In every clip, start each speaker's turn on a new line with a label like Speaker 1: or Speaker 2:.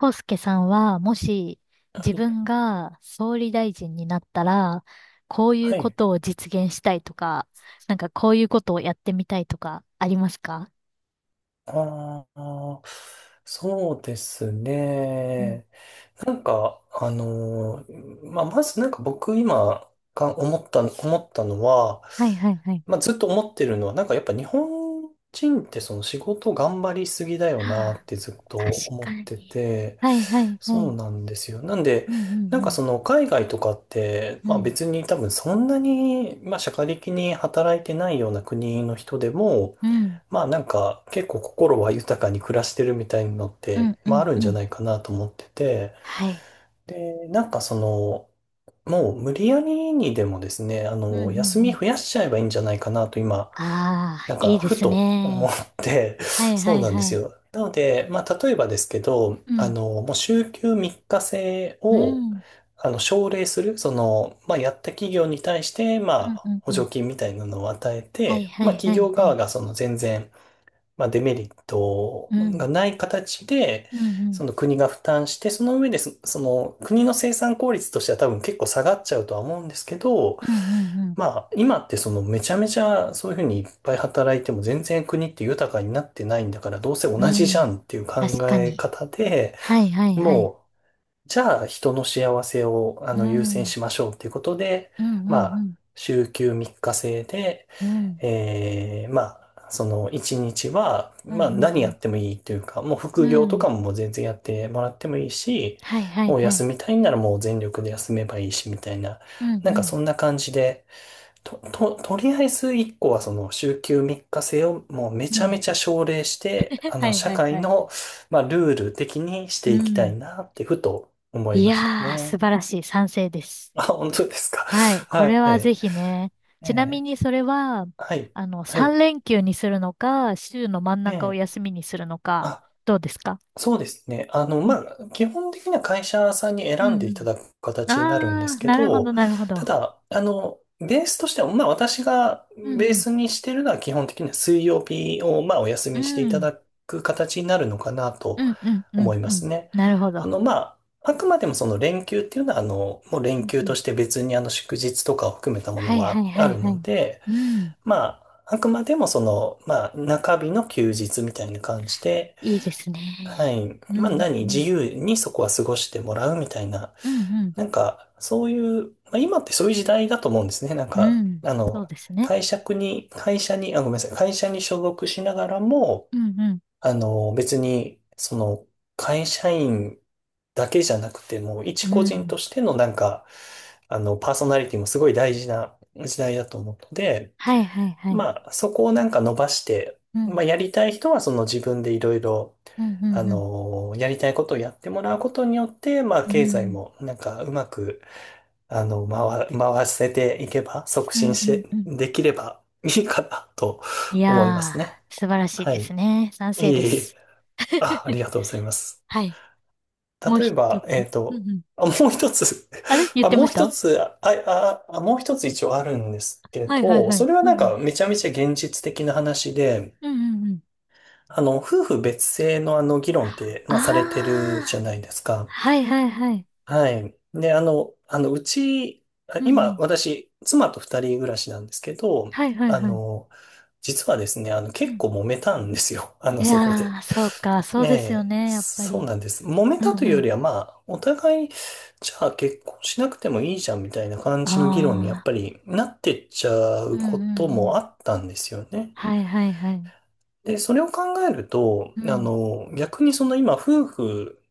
Speaker 1: 康介さんは、もし
Speaker 2: は
Speaker 1: 自
Speaker 2: い。
Speaker 1: 分が総理大臣になったら、こういう
Speaker 2: は
Speaker 1: こ
Speaker 2: い。
Speaker 1: とを実現したいとか、なんかこういうことをやってみたいとか、ありますか？
Speaker 2: ああ、そうです
Speaker 1: うん。
Speaker 2: ね。なんか、あのーまあ、まずなんか僕今か思った、思ったのは、
Speaker 1: はいはいはい。
Speaker 2: まあ、ずっと思ってるのは、なんかやっぱ日本人ってその仕事頑張りすぎだよな
Speaker 1: はあ、
Speaker 2: ってずっと
Speaker 1: 確
Speaker 2: 思
Speaker 1: か
Speaker 2: っ
Speaker 1: に。
Speaker 2: てて、
Speaker 1: はいはいは
Speaker 2: そう
Speaker 1: い。
Speaker 2: なんですよ。なんで、
Speaker 1: うんうん
Speaker 2: その海外とかって、
Speaker 1: うん、う
Speaker 2: まあ
Speaker 1: ん、
Speaker 2: 別に多分そんなに、まあ社会的に働いてないような国の人でも、
Speaker 1: うん、
Speaker 2: まあ結構心は豊かに暮らしてるみたいなのっ
Speaker 1: う
Speaker 2: て、
Speaker 1: ん、う
Speaker 2: まああ
Speaker 1: ん
Speaker 2: る
Speaker 1: う
Speaker 2: んじゃ
Speaker 1: ん。
Speaker 2: ないかなと思ってて、
Speaker 1: はい。
Speaker 2: で、もう無理やりにでもですね、あ
Speaker 1: うん。うん
Speaker 2: の、
Speaker 1: うん
Speaker 2: 休み
Speaker 1: うん。
Speaker 2: 増やしちゃえばいいんじゃないかなと今、
Speaker 1: ああ、いいで
Speaker 2: ふ
Speaker 1: す
Speaker 2: と思っ
Speaker 1: ね。
Speaker 2: て、
Speaker 1: はい
Speaker 2: そ
Speaker 1: は
Speaker 2: う
Speaker 1: い
Speaker 2: なんで
Speaker 1: は
Speaker 2: す
Speaker 1: い。
Speaker 2: よ。なので、まあ例えばですけど、
Speaker 1: う
Speaker 2: あ
Speaker 1: ん、
Speaker 2: の、もう週休3日制
Speaker 1: う
Speaker 2: を、
Speaker 1: ん、
Speaker 2: あの、奨励する、その、まあやった企業に対して、ま
Speaker 1: うん
Speaker 2: あ
Speaker 1: うんう
Speaker 2: 補
Speaker 1: ん。
Speaker 2: 助金みたいなのを与え
Speaker 1: はい
Speaker 2: て、
Speaker 1: は
Speaker 2: まあ
Speaker 1: いは
Speaker 2: 企
Speaker 1: い
Speaker 2: 業
Speaker 1: は
Speaker 2: 側
Speaker 1: い。
Speaker 2: がその全然、まあ、デメリット
Speaker 1: うん。
Speaker 2: がない形で、
Speaker 1: うんうん。
Speaker 2: その国が負担して、その上でその国の生産効率としては多分結構下がっちゃうとは思うんですけど、
Speaker 1: うん、うん、うん、
Speaker 2: まあ、今ってそのめちゃめちゃそういうふうにいっぱい働いても全然国って豊かになってないんだから、どうせ同
Speaker 1: う
Speaker 2: じじゃ
Speaker 1: ん。
Speaker 2: んっていう考
Speaker 1: 確か
Speaker 2: え
Speaker 1: に。
Speaker 2: 方で、
Speaker 1: はいはいはい。
Speaker 2: もうじゃあ人の幸せをあ
Speaker 1: う
Speaker 2: の優先
Speaker 1: ん。
Speaker 2: しましょうということで、
Speaker 1: うん
Speaker 2: ま
Speaker 1: う
Speaker 2: あ、
Speaker 1: ん
Speaker 2: 週休3日制で、
Speaker 1: うん。うん。
Speaker 2: まあ、その1日は、
Speaker 1: うんう
Speaker 2: まあ何や
Speaker 1: ん
Speaker 2: ってもいいというか、もう
Speaker 1: うん。
Speaker 2: 副
Speaker 1: う
Speaker 2: 業と
Speaker 1: ん。
Speaker 2: かももう全然やってもらってもいいし、
Speaker 1: はいはい
Speaker 2: もう
Speaker 1: はい。
Speaker 2: 休みたいんならもう全力で休めばいいしみたいな、
Speaker 1: うんうん。
Speaker 2: そんな感じで、とりあえず一個はその週休3日制をもうめ
Speaker 1: う
Speaker 2: ちゃめ
Speaker 1: ん。
Speaker 2: ちゃ奨励して、あ
Speaker 1: は
Speaker 2: の、
Speaker 1: い
Speaker 2: 社
Speaker 1: はい
Speaker 2: 会
Speaker 1: はい。
Speaker 2: の、まあ、ルール的にし
Speaker 1: う
Speaker 2: ていきた
Speaker 1: ん。
Speaker 2: いなってふと思い
Speaker 1: い
Speaker 2: ました
Speaker 1: やー、素
Speaker 2: ね。
Speaker 1: 晴らしい。賛成です。
Speaker 2: あ、本当ですか。
Speaker 1: はい。こ
Speaker 2: は
Speaker 1: れ
Speaker 2: い。
Speaker 1: はぜひね。
Speaker 2: え
Speaker 1: ちなみ
Speaker 2: え、
Speaker 1: にそれは、
Speaker 2: はい。はい。
Speaker 1: 3連休にするのか、週の真ん
Speaker 2: え
Speaker 1: 中を
Speaker 2: え、
Speaker 1: 休みにするのか、
Speaker 2: あ、
Speaker 1: どうですか？
Speaker 2: そうですね。あの、
Speaker 1: う
Speaker 2: ま
Speaker 1: ん
Speaker 2: あ、基本的には会社さんに
Speaker 1: う
Speaker 2: 選んで
Speaker 1: んう
Speaker 2: いた
Speaker 1: ん。
Speaker 2: だく形になるんで
Speaker 1: あ
Speaker 2: す
Speaker 1: ー、
Speaker 2: け
Speaker 1: なるほど
Speaker 2: ど、
Speaker 1: なるほ
Speaker 2: た
Speaker 1: ど。
Speaker 2: だ、あの、ベースとしては、まあ、私が
Speaker 1: う
Speaker 2: ベ
Speaker 1: ん
Speaker 2: ー
Speaker 1: うん。
Speaker 2: スにしてるのは基本的には水曜日を、まあ、お休
Speaker 1: う
Speaker 2: みしていた
Speaker 1: ん。
Speaker 2: だく形になるのかな
Speaker 1: う
Speaker 2: と
Speaker 1: んうんう
Speaker 2: 思
Speaker 1: ん
Speaker 2: いま
Speaker 1: うん。
Speaker 2: すね。
Speaker 1: なるほ
Speaker 2: あ
Speaker 1: ど。
Speaker 2: の、まあ、あくまでもその連休っていうのは、あの、もう
Speaker 1: う
Speaker 2: 連
Speaker 1: ん
Speaker 2: 休
Speaker 1: う
Speaker 2: と
Speaker 1: ん。
Speaker 2: して別にあの祝日とかを含めたも
Speaker 1: は
Speaker 2: の
Speaker 1: いは
Speaker 2: は
Speaker 1: いは
Speaker 2: あ
Speaker 1: い
Speaker 2: る
Speaker 1: は
Speaker 2: の
Speaker 1: い。
Speaker 2: で、
Speaker 1: うん。
Speaker 2: まあ、あくまでもその、まあ、中日の休日みたいな感じで、
Speaker 1: いいですね。
Speaker 2: はい。
Speaker 1: うん
Speaker 2: まあ何、
Speaker 1: うんう
Speaker 2: 自
Speaker 1: ん。
Speaker 2: 由にそこは過ごしてもらうみたいな。
Speaker 1: うん
Speaker 2: そういう、まあ今ってそういう時代だと思うんですね。なん
Speaker 1: うん。
Speaker 2: か、
Speaker 1: うん。
Speaker 2: あ
Speaker 1: そ
Speaker 2: の、
Speaker 1: うですね。
Speaker 2: 会社に、会社に、あ、ごめんなさい、会社に所属しながらも、
Speaker 1: うん
Speaker 2: あの、別に、その、会社員だけじゃなくて、もう一
Speaker 1: うん。う
Speaker 2: 個人
Speaker 1: ん。
Speaker 2: としてのあの、パーソナリティもすごい大事な時代だと思うので、
Speaker 1: はいはいはい。
Speaker 2: まあ、そこをなんか伸ばして、
Speaker 1: う
Speaker 2: ま
Speaker 1: ん。
Speaker 2: あ、やりたい人はその自分でいろいろ、
Speaker 1: うんう
Speaker 2: あ
Speaker 1: んうん。
Speaker 2: のーやりたいことをやってもらうことによって、まあ、
Speaker 1: う
Speaker 2: 経済
Speaker 1: ん。
Speaker 2: もなんかうまく、あの、回せていけば、促
Speaker 1: う
Speaker 2: 進
Speaker 1: ん
Speaker 2: し
Speaker 1: うんう
Speaker 2: て、
Speaker 1: ん。
Speaker 2: できれば いいかなと
Speaker 1: い
Speaker 2: 思います
Speaker 1: や
Speaker 2: ね。
Speaker 1: ー、素晴らしい
Speaker 2: は
Speaker 1: で
Speaker 2: い。
Speaker 1: すね。賛成
Speaker 2: い
Speaker 1: で
Speaker 2: えいえ。
Speaker 1: す。
Speaker 2: あ、あ りがとうございます。
Speaker 1: はい。もう
Speaker 2: 例え
Speaker 1: 一
Speaker 2: ば、え
Speaker 1: つ。
Speaker 2: っ
Speaker 1: う
Speaker 2: と、
Speaker 1: んうん。
Speaker 2: あ、もう一つ
Speaker 1: あれ 言ってました？
Speaker 2: もう一つ一応あるんですけれ
Speaker 1: はいはい
Speaker 2: ど、
Speaker 1: はい。
Speaker 2: それは
Speaker 1: うん
Speaker 2: なん
Speaker 1: うん。
Speaker 2: かめちゃめちゃ現実的な話で、
Speaker 1: うんうんうん。
Speaker 2: あの、夫婦別姓のあの議論って、まあ、されてるじ
Speaker 1: あ
Speaker 2: ゃ
Speaker 1: あ、
Speaker 2: ないですか。
Speaker 1: はいはいはい。
Speaker 2: はい。で、あ
Speaker 1: うんう
Speaker 2: 今、
Speaker 1: ん。
Speaker 2: 私、妻と二人暮らしなんですけど、
Speaker 1: はいはい
Speaker 2: あ
Speaker 1: はい。
Speaker 2: の、実はですね、あの、
Speaker 1: う
Speaker 2: 結
Speaker 1: ん。
Speaker 2: 構揉めたんですよ。あ
Speaker 1: い
Speaker 2: の、そこ
Speaker 1: や
Speaker 2: で。
Speaker 1: ー、そうか、そう
Speaker 2: ね
Speaker 1: ですよ
Speaker 2: え、
Speaker 1: ね、やっぱ
Speaker 2: そう
Speaker 1: り。
Speaker 2: なんです。揉め
Speaker 1: う
Speaker 2: た
Speaker 1: ん
Speaker 2: という
Speaker 1: う
Speaker 2: よ
Speaker 1: ん。
Speaker 2: りは、まあ、お互い、じゃあ結婚しなくてもいいじゃんみたいな感じの議論にやっ
Speaker 1: ああ、
Speaker 2: ぱりなってっちゃ
Speaker 1: う
Speaker 2: う
Speaker 1: んう
Speaker 2: こ
Speaker 1: んう
Speaker 2: とも
Speaker 1: ん。
Speaker 2: あったんですよね。
Speaker 1: はいはいはい。
Speaker 2: で、それを考えると、
Speaker 1: う
Speaker 2: あ
Speaker 1: ん、
Speaker 2: の、逆にその今、夫婦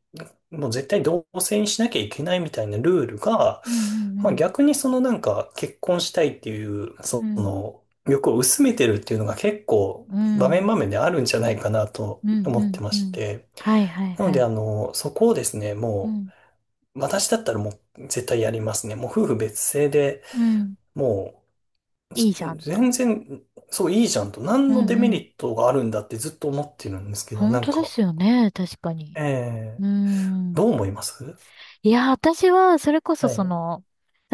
Speaker 2: もう絶対同棲にしなきゃいけないみたいなルールが、
Speaker 1: うん
Speaker 2: ま
Speaker 1: う
Speaker 2: あ
Speaker 1: ん
Speaker 2: 逆にそのなんか結婚したいっていう、
Speaker 1: う
Speaker 2: そ
Speaker 1: ん。うん、
Speaker 2: の欲を薄めてるっていうのが結構
Speaker 1: う
Speaker 2: 場面
Speaker 1: ん、
Speaker 2: 場面であるんじゃないかなと
Speaker 1: うん
Speaker 2: 思ってま
Speaker 1: うんう
Speaker 2: し
Speaker 1: ん。
Speaker 2: て。
Speaker 1: はいはい
Speaker 2: なの
Speaker 1: は
Speaker 2: で
Speaker 1: い。
Speaker 2: あの、そこをですね、
Speaker 1: う
Speaker 2: も
Speaker 1: ん、
Speaker 2: う私だったらもう絶対やりますね。もう夫婦別姓で、
Speaker 1: うん。
Speaker 2: もう
Speaker 1: いい
Speaker 2: す
Speaker 1: じゃんと。
Speaker 2: 全然、そういいじゃんと、
Speaker 1: う
Speaker 2: 何のデ
Speaker 1: んう
Speaker 2: メ
Speaker 1: ん。
Speaker 2: リットがあるんだってずっと思ってるんですけど、
Speaker 1: 本
Speaker 2: なん
Speaker 1: 当で
Speaker 2: か、
Speaker 1: すよね、確か
Speaker 2: え
Speaker 1: に。
Speaker 2: え、
Speaker 1: うん。
Speaker 2: どう思います？
Speaker 1: いや、私は、それこそ
Speaker 2: は
Speaker 1: そ
Speaker 2: い。
Speaker 1: の、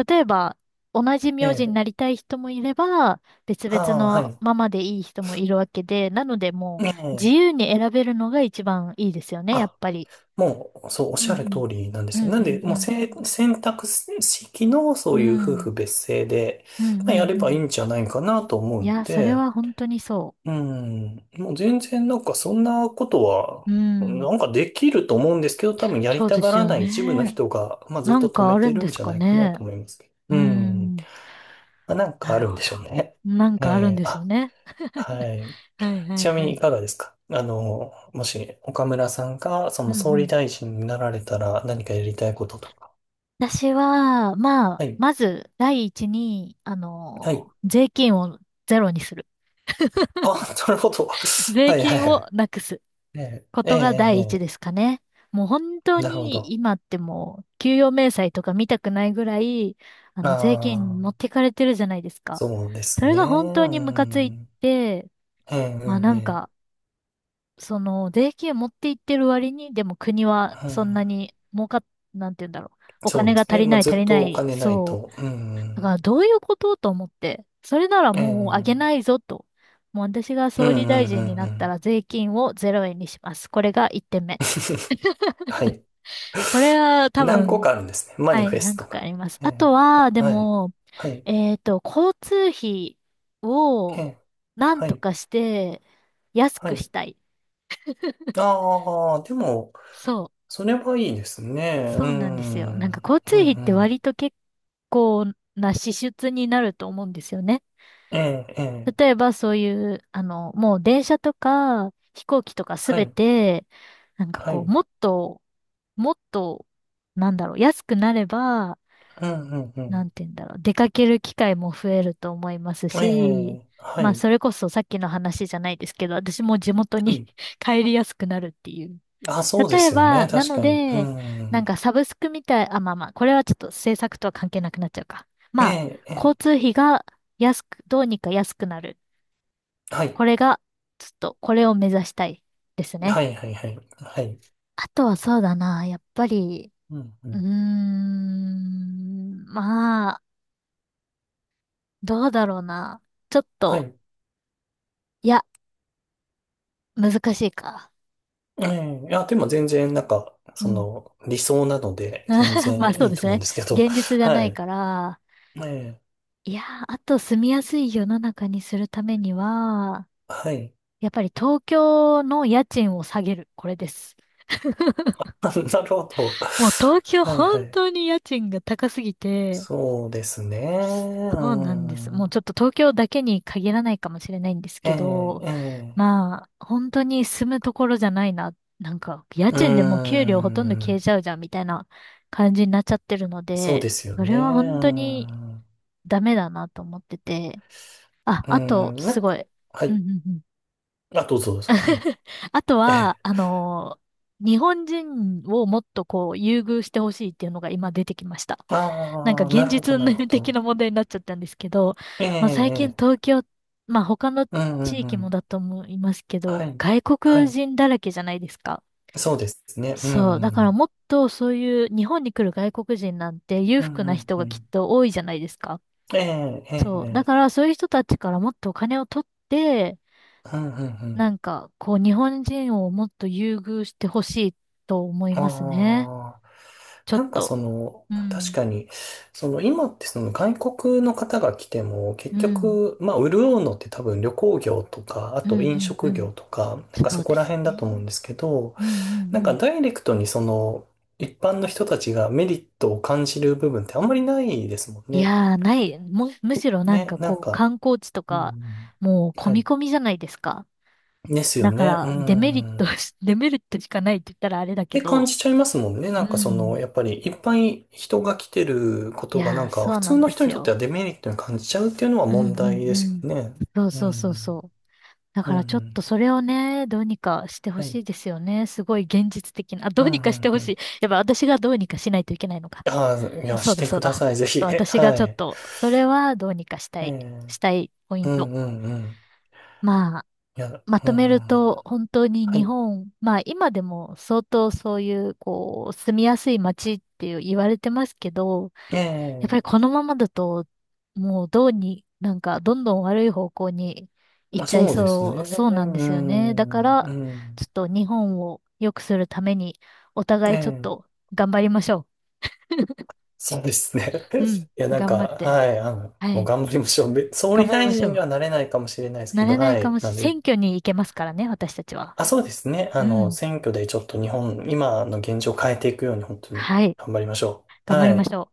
Speaker 1: 例えば、同じ名字に
Speaker 2: え
Speaker 1: な
Speaker 2: え、
Speaker 1: りたい人もいれば、別々
Speaker 2: ああー、は
Speaker 1: の
Speaker 2: い。
Speaker 1: ままでいい人もいるわけで、なのでも
Speaker 2: え
Speaker 1: う、自
Speaker 2: え、
Speaker 1: 由に選べるのが一番いいですよね、やっ
Speaker 2: あ、
Speaker 1: ぱり。
Speaker 2: もう、そう、おっ
Speaker 1: う
Speaker 2: しゃる通
Speaker 1: ん
Speaker 2: りなんで
Speaker 1: う
Speaker 2: すよ。
Speaker 1: ん
Speaker 2: な
Speaker 1: う
Speaker 2: んで、
Speaker 1: ん
Speaker 2: もう、
Speaker 1: うん。
Speaker 2: 選択式の、
Speaker 1: う
Speaker 2: そういう夫
Speaker 1: ん。
Speaker 2: 婦別姓で、
Speaker 1: うんうんう
Speaker 2: まあ、やれ
Speaker 1: ん。う
Speaker 2: ばいい
Speaker 1: ん。
Speaker 2: んじゃないかなと思う
Speaker 1: い
Speaker 2: の
Speaker 1: や、それ
Speaker 2: で、
Speaker 1: は本当にそ
Speaker 2: うん。もう全然なんかそんなことは、
Speaker 1: う。うん。
Speaker 2: なんかできると思うんですけど、多分や
Speaker 1: そ
Speaker 2: り
Speaker 1: う
Speaker 2: た
Speaker 1: で
Speaker 2: が
Speaker 1: す
Speaker 2: ら
Speaker 1: よ
Speaker 2: ない一部の
Speaker 1: ね。
Speaker 2: 人が、まあずっ
Speaker 1: な
Speaker 2: と
Speaker 1: ん
Speaker 2: 止
Speaker 1: か
Speaker 2: め
Speaker 1: ある
Speaker 2: て
Speaker 1: ん
Speaker 2: る
Speaker 1: で
Speaker 2: ん
Speaker 1: す
Speaker 2: じゃ
Speaker 1: か
Speaker 2: ないかな
Speaker 1: ね。
Speaker 2: と思いますけ
Speaker 1: う
Speaker 2: ど。うん。
Speaker 1: ん。
Speaker 2: まあなんか
Speaker 1: な
Speaker 2: あ
Speaker 1: る
Speaker 2: るん
Speaker 1: ほ
Speaker 2: で
Speaker 1: ど。
Speaker 2: しょうね。
Speaker 1: なん
Speaker 2: え
Speaker 1: かあるん
Speaker 2: え、
Speaker 1: でしょう
Speaker 2: あ、
Speaker 1: ね。
Speaker 2: はい。
Speaker 1: はいは
Speaker 2: ち
Speaker 1: い
Speaker 2: なみ
Speaker 1: は
Speaker 2: にい
Speaker 1: い。
Speaker 2: かがですか、あの、もし岡村さんがそ
Speaker 1: う
Speaker 2: の
Speaker 1: んう
Speaker 2: 総理
Speaker 1: ん。
Speaker 2: 大臣になられたら何かやりたいこととか。
Speaker 1: 私は、ま
Speaker 2: は
Speaker 1: あ、
Speaker 2: い。
Speaker 1: まず、第一に、
Speaker 2: はい。
Speaker 1: 税金をゼロにする。
Speaker 2: あ、なるほど。
Speaker 1: 税
Speaker 2: はいはい
Speaker 1: 金
Speaker 2: は
Speaker 1: を
Speaker 2: い。
Speaker 1: なくす
Speaker 2: ええ、
Speaker 1: こ
Speaker 2: ええ、
Speaker 1: とが
Speaker 2: ええ、
Speaker 1: 第一
Speaker 2: え
Speaker 1: ですかね。もう本当
Speaker 2: え、なるほ
Speaker 1: に
Speaker 2: ど。
Speaker 1: 今ってもう、給与明細とか見たくないぐらい、
Speaker 2: あ
Speaker 1: 税金持
Speaker 2: あ。
Speaker 1: ってかれてるじゃないですか。
Speaker 2: そうです
Speaker 1: それ
Speaker 2: ね。
Speaker 1: が本当
Speaker 2: う
Speaker 1: にムカつい
Speaker 2: ん。
Speaker 1: て、
Speaker 2: ええ。う
Speaker 1: まあな
Speaker 2: ん、
Speaker 1: ん
Speaker 2: え
Speaker 1: か、
Speaker 2: え、
Speaker 1: 税金持っていってる割に、でも国は
Speaker 2: う
Speaker 1: そ
Speaker 2: ん、
Speaker 1: んなに儲かっ、なんて言うんだろう。お
Speaker 2: そう
Speaker 1: 金
Speaker 2: で
Speaker 1: が
Speaker 2: す
Speaker 1: 足
Speaker 2: ね。
Speaker 1: り
Speaker 2: ま
Speaker 1: な
Speaker 2: あ、
Speaker 1: い
Speaker 2: ず
Speaker 1: 足
Speaker 2: っ
Speaker 1: りな
Speaker 2: とお
Speaker 1: い、
Speaker 2: 金ない
Speaker 1: そう、
Speaker 2: と。う
Speaker 1: だか
Speaker 2: ん。
Speaker 1: らどういうことと思って、それなら
Speaker 2: う
Speaker 1: もうあ
Speaker 2: ん。う
Speaker 1: げ
Speaker 2: ん、
Speaker 1: ないぞと。もう私が
Speaker 2: うん、う
Speaker 1: 総理
Speaker 2: ん。
Speaker 1: 大臣になっ
Speaker 2: う
Speaker 1: た
Speaker 2: ん、
Speaker 1: ら税金をゼロ円にします。これが1点目。
Speaker 2: はい。
Speaker 1: これ は多
Speaker 2: 何個か
Speaker 1: 分、
Speaker 2: あるんですね。マ
Speaker 1: は
Speaker 2: ニ
Speaker 1: い、
Speaker 2: フェ
Speaker 1: 何
Speaker 2: スト
Speaker 1: 個かあ
Speaker 2: が。
Speaker 1: ります。
Speaker 2: え
Speaker 1: あと
Speaker 2: え、
Speaker 1: は、で
Speaker 2: はい。
Speaker 1: も、
Speaker 2: はい。
Speaker 1: 交通費
Speaker 2: え
Speaker 1: を
Speaker 2: え、
Speaker 1: なん
Speaker 2: は
Speaker 1: と
Speaker 2: い。
Speaker 1: かして安
Speaker 2: は
Speaker 1: く
Speaker 2: い。
Speaker 1: したい。
Speaker 2: ああ、でも、
Speaker 1: そ
Speaker 2: それはいいですね。
Speaker 1: う、そ
Speaker 2: う
Speaker 1: うなんですよ。なん
Speaker 2: ん。う
Speaker 1: か
Speaker 2: ん、
Speaker 1: 交通
Speaker 2: う
Speaker 1: 費って
Speaker 2: ん。
Speaker 1: 割と結構な支出になると思うんですよね。
Speaker 2: ええ、え
Speaker 1: 例え
Speaker 2: え、
Speaker 1: ばそういう、もう電車とか飛行機とかす
Speaker 2: は
Speaker 1: べ
Speaker 2: い。
Speaker 1: て、なんか
Speaker 2: は
Speaker 1: こう、
Speaker 2: い。
Speaker 1: もっと、もっと、なんだろう、安くなれば、
Speaker 2: うん、うん、う
Speaker 1: な
Speaker 2: ん。
Speaker 1: んて言うんだろう、出かける機会も増えると思います
Speaker 2: え
Speaker 1: し、
Speaker 2: え、は
Speaker 1: まあ、
Speaker 2: い。
Speaker 1: それこそさっきの話じゃないですけど、私も地元
Speaker 2: は
Speaker 1: に
Speaker 2: い。
Speaker 1: 帰りやすくなるっていう。
Speaker 2: あ、そうで
Speaker 1: 例え
Speaker 2: すよね。
Speaker 1: ば、な
Speaker 2: 確
Speaker 1: の
Speaker 2: かに。う
Speaker 1: で、なん
Speaker 2: ん。
Speaker 1: かサブスクみたい、あ、まあまあ、これはちょっと政策とは関係なくなっちゃうか。
Speaker 2: え
Speaker 1: まあ、
Speaker 2: え、え
Speaker 1: 交
Speaker 2: え。
Speaker 1: 通費が安く、どうにか安くなる。
Speaker 2: は
Speaker 1: こ
Speaker 2: い。
Speaker 1: れが、ちょっと、これを目指したいですね。
Speaker 2: はい、はい、はい。はい。
Speaker 1: あとはそうだな、やっぱり、
Speaker 2: うん、う
Speaker 1: うー
Speaker 2: ん。
Speaker 1: ん、まあ、どうだろうな。ちょっ
Speaker 2: は
Speaker 1: と、
Speaker 2: い。
Speaker 1: いや、難しいか。
Speaker 2: ええ、いや、でも全然、なんか、そ
Speaker 1: うん。
Speaker 2: の、理想なので、全 然
Speaker 1: まあそう
Speaker 2: いい
Speaker 1: で
Speaker 2: と
Speaker 1: す
Speaker 2: 思うん
Speaker 1: ね。
Speaker 2: ですけど。
Speaker 1: 現実 じゃな
Speaker 2: は
Speaker 1: い
Speaker 2: い。
Speaker 1: から、
Speaker 2: ええ、
Speaker 1: いやー、あと住みやすい世の中にするためには、
Speaker 2: はい。
Speaker 1: やっぱり東京の家賃を下げる。これです。
Speaker 2: なるほど。
Speaker 1: もう東京
Speaker 2: はい、は
Speaker 1: 本
Speaker 2: い。
Speaker 1: 当に家賃が高すぎて、
Speaker 2: そうですね。う
Speaker 1: そうなんです。も
Speaker 2: ん。
Speaker 1: うちょっと東京だけに限らないかもしれないんです
Speaker 2: え
Speaker 1: け
Speaker 2: え、
Speaker 1: ど、
Speaker 2: ええ。
Speaker 1: まあ、本当に住むところじゃないな。なんか、家
Speaker 2: う
Speaker 1: 賃でもう
Speaker 2: ー
Speaker 1: 給料ほとんど消えち
Speaker 2: ん。
Speaker 1: ゃうじゃんみたいな感じになっちゃってるの
Speaker 2: そう
Speaker 1: で、
Speaker 2: ですよ
Speaker 1: そ
Speaker 2: ね。
Speaker 1: れ
Speaker 2: う
Speaker 1: は
Speaker 2: ー
Speaker 1: 本当に
Speaker 2: ん。う
Speaker 1: ダメだなと思ってて。あ、
Speaker 2: ー
Speaker 1: あと、
Speaker 2: ん。な
Speaker 1: す
Speaker 2: ん
Speaker 1: ご
Speaker 2: か、
Speaker 1: い。
Speaker 2: は
Speaker 1: うんう
Speaker 2: い。
Speaker 1: んうん。
Speaker 2: あ、どうぞ、どうぞ。はい。
Speaker 1: あとは、日本人をもっとこう、優遇してほしいっていうのが今出てきました。なんか
Speaker 2: ああ、な
Speaker 1: 現
Speaker 2: るほ
Speaker 1: 実
Speaker 2: ど、
Speaker 1: 運
Speaker 2: なる
Speaker 1: 命
Speaker 2: ほ
Speaker 1: 的な
Speaker 2: ど。
Speaker 1: 問題になっちゃったんですけど、
Speaker 2: ええ、
Speaker 1: まあ、最近
Speaker 2: ええ、
Speaker 1: 東京、まあ他の
Speaker 2: うんうん
Speaker 1: 地
Speaker 2: う
Speaker 1: 域も
Speaker 2: ん。
Speaker 1: だと思いますけ
Speaker 2: は
Speaker 1: ど、
Speaker 2: い、
Speaker 1: 外
Speaker 2: は
Speaker 1: 国
Speaker 2: い。
Speaker 1: 人だらけじゃないですか。
Speaker 2: そうですね。うん、う
Speaker 1: そう。だから
Speaker 2: ん、
Speaker 1: もっとそういう日本に来る外国人なんて裕
Speaker 2: う
Speaker 1: 福
Speaker 2: ん、う
Speaker 1: な
Speaker 2: ん
Speaker 1: 人
Speaker 2: う
Speaker 1: がきっ
Speaker 2: ん。
Speaker 1: と多いじゃないですか。
Speaker 2: ええ、ええ、
Speaker 1: そう。だ
Speaker 2: え
Speaker 1: か
Speaker 2: え、
Speaker 1: らそういう人たちからもっとお金を取って、
Speaker 2: うん、うん、うん。
Speaker 1: なんか、こう、日本人をもっと優遇してほしいと思いますね。
Speaker 2: あ
Speaker 1: ちょ
Speaker 2: あ、な
Speaker 1: っ
Speaker 2: んか
Speaker 1: と。
Speaker 2: その、
Speaker 1: う
Speaker 2: 確
Speaker 1: ん。
Speaker 2: かに、その今ってその外国の方が来ても、結
Speaker 1: うん。
Speaker 2: 局、まあ、潤うのって多分旅行業とか、あ
Speaker 1: う
Speaker 2: と
Speaker 1: ん、
Speaker 2: 飲
Speaker 1: うん、う
Speaker 2: 食業
Speaker 1: ん。
Speaker 2: とか、なんか
Speaker 1: そ
Speaker 2: そ
Speaker 1: う
Speaker 2: こ
Speaker 1: で
Speaker 2: ら
Speaker 1: す
Speaker 2: 辺だと思うん
Speaker 1: ね。
Speaker 2: ですけど、
Speaker 1: うん、うん、う
Speaker 2: なんか
Speaker 1: ん。
Speaker 2: ダイレクトにその一般の人たちがメリットを感じる部分ってあんまりないですもん
Speaker 1: い
Speaker 2: ね。
Speaker 1: やー、ない。むしろなん
Speaker 2: ね、
Speaker 1: か
Speaker 2: なん
Speaker 1: こう、
Speaker 2: か、
Speaker 1: 観光地と
Speaker 2: うんう
Speaker 1: か、
Speaker 2: ん、
Speaker 1: もう、込
Speaker 2: は
Speaker 1: み
Speaker 2: い。
Speaker 1: 込みじゃないですか。
Speaker 2: ですよ
Speaker 1: だか
Speaker 2: ね。う
Speaker 1: ら、デメリッ
Speaker 2: ん。
Speaker 1: ト
Speaker 2: っ
Speaker 1: し、デメリットしかないって言ったらあれだけ
Speaker 2: て感
Speaker 1: ど。
Speaker 2: じちゃいますもんね。な
Speaker 1: う
Speaker 2: んかその、
Speaker 1: ん。
Speaker 2: やっぱりいっぱい人が来てるこ
Speaker 1: い
Speaker 2: とがな
Speaker 1: やー、
Speaker 2: んか
Speaker 1: そ
Speaker 2: 普
Speaker 1: うな
Speaker 2: 通
Speaker 1: ん
Speaker 2: の
Speaker 1: で
Speaker 2: 人
Speaker 1: す
Speaker 2: にとって
Speaker 1: よ。
Speaker 2: はデメリットに感じちゃうっていうのは
Speaker 1: うん、う
Speaker 2: 問題
Speaker 1: ん、う
Speaker 2: です
Speaker 1: ん。
Speaker 2: よね。
Speaker 1: そう
Speaker 2: う
Speaker 1: そうそうそ
Speaker 2: ん。
Speaker 1: う。だ
Speaker 2: う
Speaker 1: からちょっと
Speaker 2: ん。
Speaker 1: それをね、どうにかしてほ
Speaker 2: は
Speaker 1: し
Speaker 2: い。
Speaker 1: いですよね。すごい現実的な。あ、ど
Speaker 2: うん。
Speaker 1: う
Speaker 2: う
Speaker 1: にかして
Speaker 2: んう
Speaker 1: ほし
Speaker 2: ん。
Speaker 1: い。やっぱ私がどうにかしないといけないのか。
Speaker 2: ああ、いや、
Speaker 1: そう
Speaker 2: し
Speaker 1: だ
Speaker 2: て
Speaker 1: そう
Speaker 2: くだ
Speaker 1: だ。
Speaker 2: さい。ぜ
Speaker 1: ちょっ
Speaker 2: ひ。
Speaker 1: と
Speaker 2: え、
Speaker 1: 私が
Speaker 2: は
Speaker 1: ちょっ
Speaker 2: い。
Speaker 1: と、それはどうにかした
Speaker 2: え
Speaker 1: い、
Speaker 2: え、
Speaker 1: したいポイ
Speaker 2: う
Speaker 1: ント。
Speaker 2: んうんうん。
Speaker 1: まあ、
Speaker 2: いや、
Speaker 1: ま
Speaker 2: うん。
Speaker 1: とめると本当に
Speaker 2: は
Speaker 1: 日
Speaker 2: い。
Speaker 1: 本、まあ今でも相当そういう、こう、住みやすい街っていう言われてますけど、
Speaker 2: え
Speaker 1: やっぱり
Speaker 2: え、
Speaker 1: このままだと、もうどうに、なんかどんどん悪い方向に行っ
Speaker 2: あ、
Speaker 1: ちゃい
Speaker 2: そうです
Speaker 1: そ
Speaker 2: ね。
Speaker 1: う、そう
Speaker 2: う
Speaker 1: なんですよね。だか
Speaker 2: ん、
Speaker 1: ら、
Speaker 2: う
Speaker 1: ちょ
Speaker 2: ん。
Speaker 1: っと日本を良くするために、お
Speaker 2: え
Speaker 1: 互いちょっ
Speaker 2: え、
Speaker 1: と頑張りましょ
Speaker 2: そうですね。
Speaker 1: う。うん、
Speaker 2: いや、なんか、
Speaker 1: 頑張って。
Speaker 2: はい、あの、
Speaker 1: は
Speaker 2: もう
Speaker 1: い、
Speaker 2: 頑張りましょう。総
Speaker 1: 頑
Speaker 2: 理
Speaker 1: 張り
Speaker 2: 大
Speaker 1: ましょ
Speaker 2: 臣に
Speaker 1: う。
Speaker 2: はなれないかもしれないです
Speaker 1: な
Speaker 2: けど、
Speaker 1: れない
Speaker 2: は
Speaker 1: か
Speaker 2: い。
Speaker 1: も
Speaker 2: な
Speaker 1: し、
Speaker 2: ので、
Speaker 1: 選挙に行けますからね、私たちは。
Speaker 2: あ、そうですね。あ
Speaker 1: う
Speaker 2: の、
Speaker 1: ん、
Speaker 2: 選挙でちょっと日本、今の現状を変えていくように、本当に
Speaker 1: はい、
Speaker 2: 頑張りましょう。
Speaker 1: 頑張り
Speaker 2: は
Speaker 1: ま
Speaker 2: い。
Speaker 1: しょう。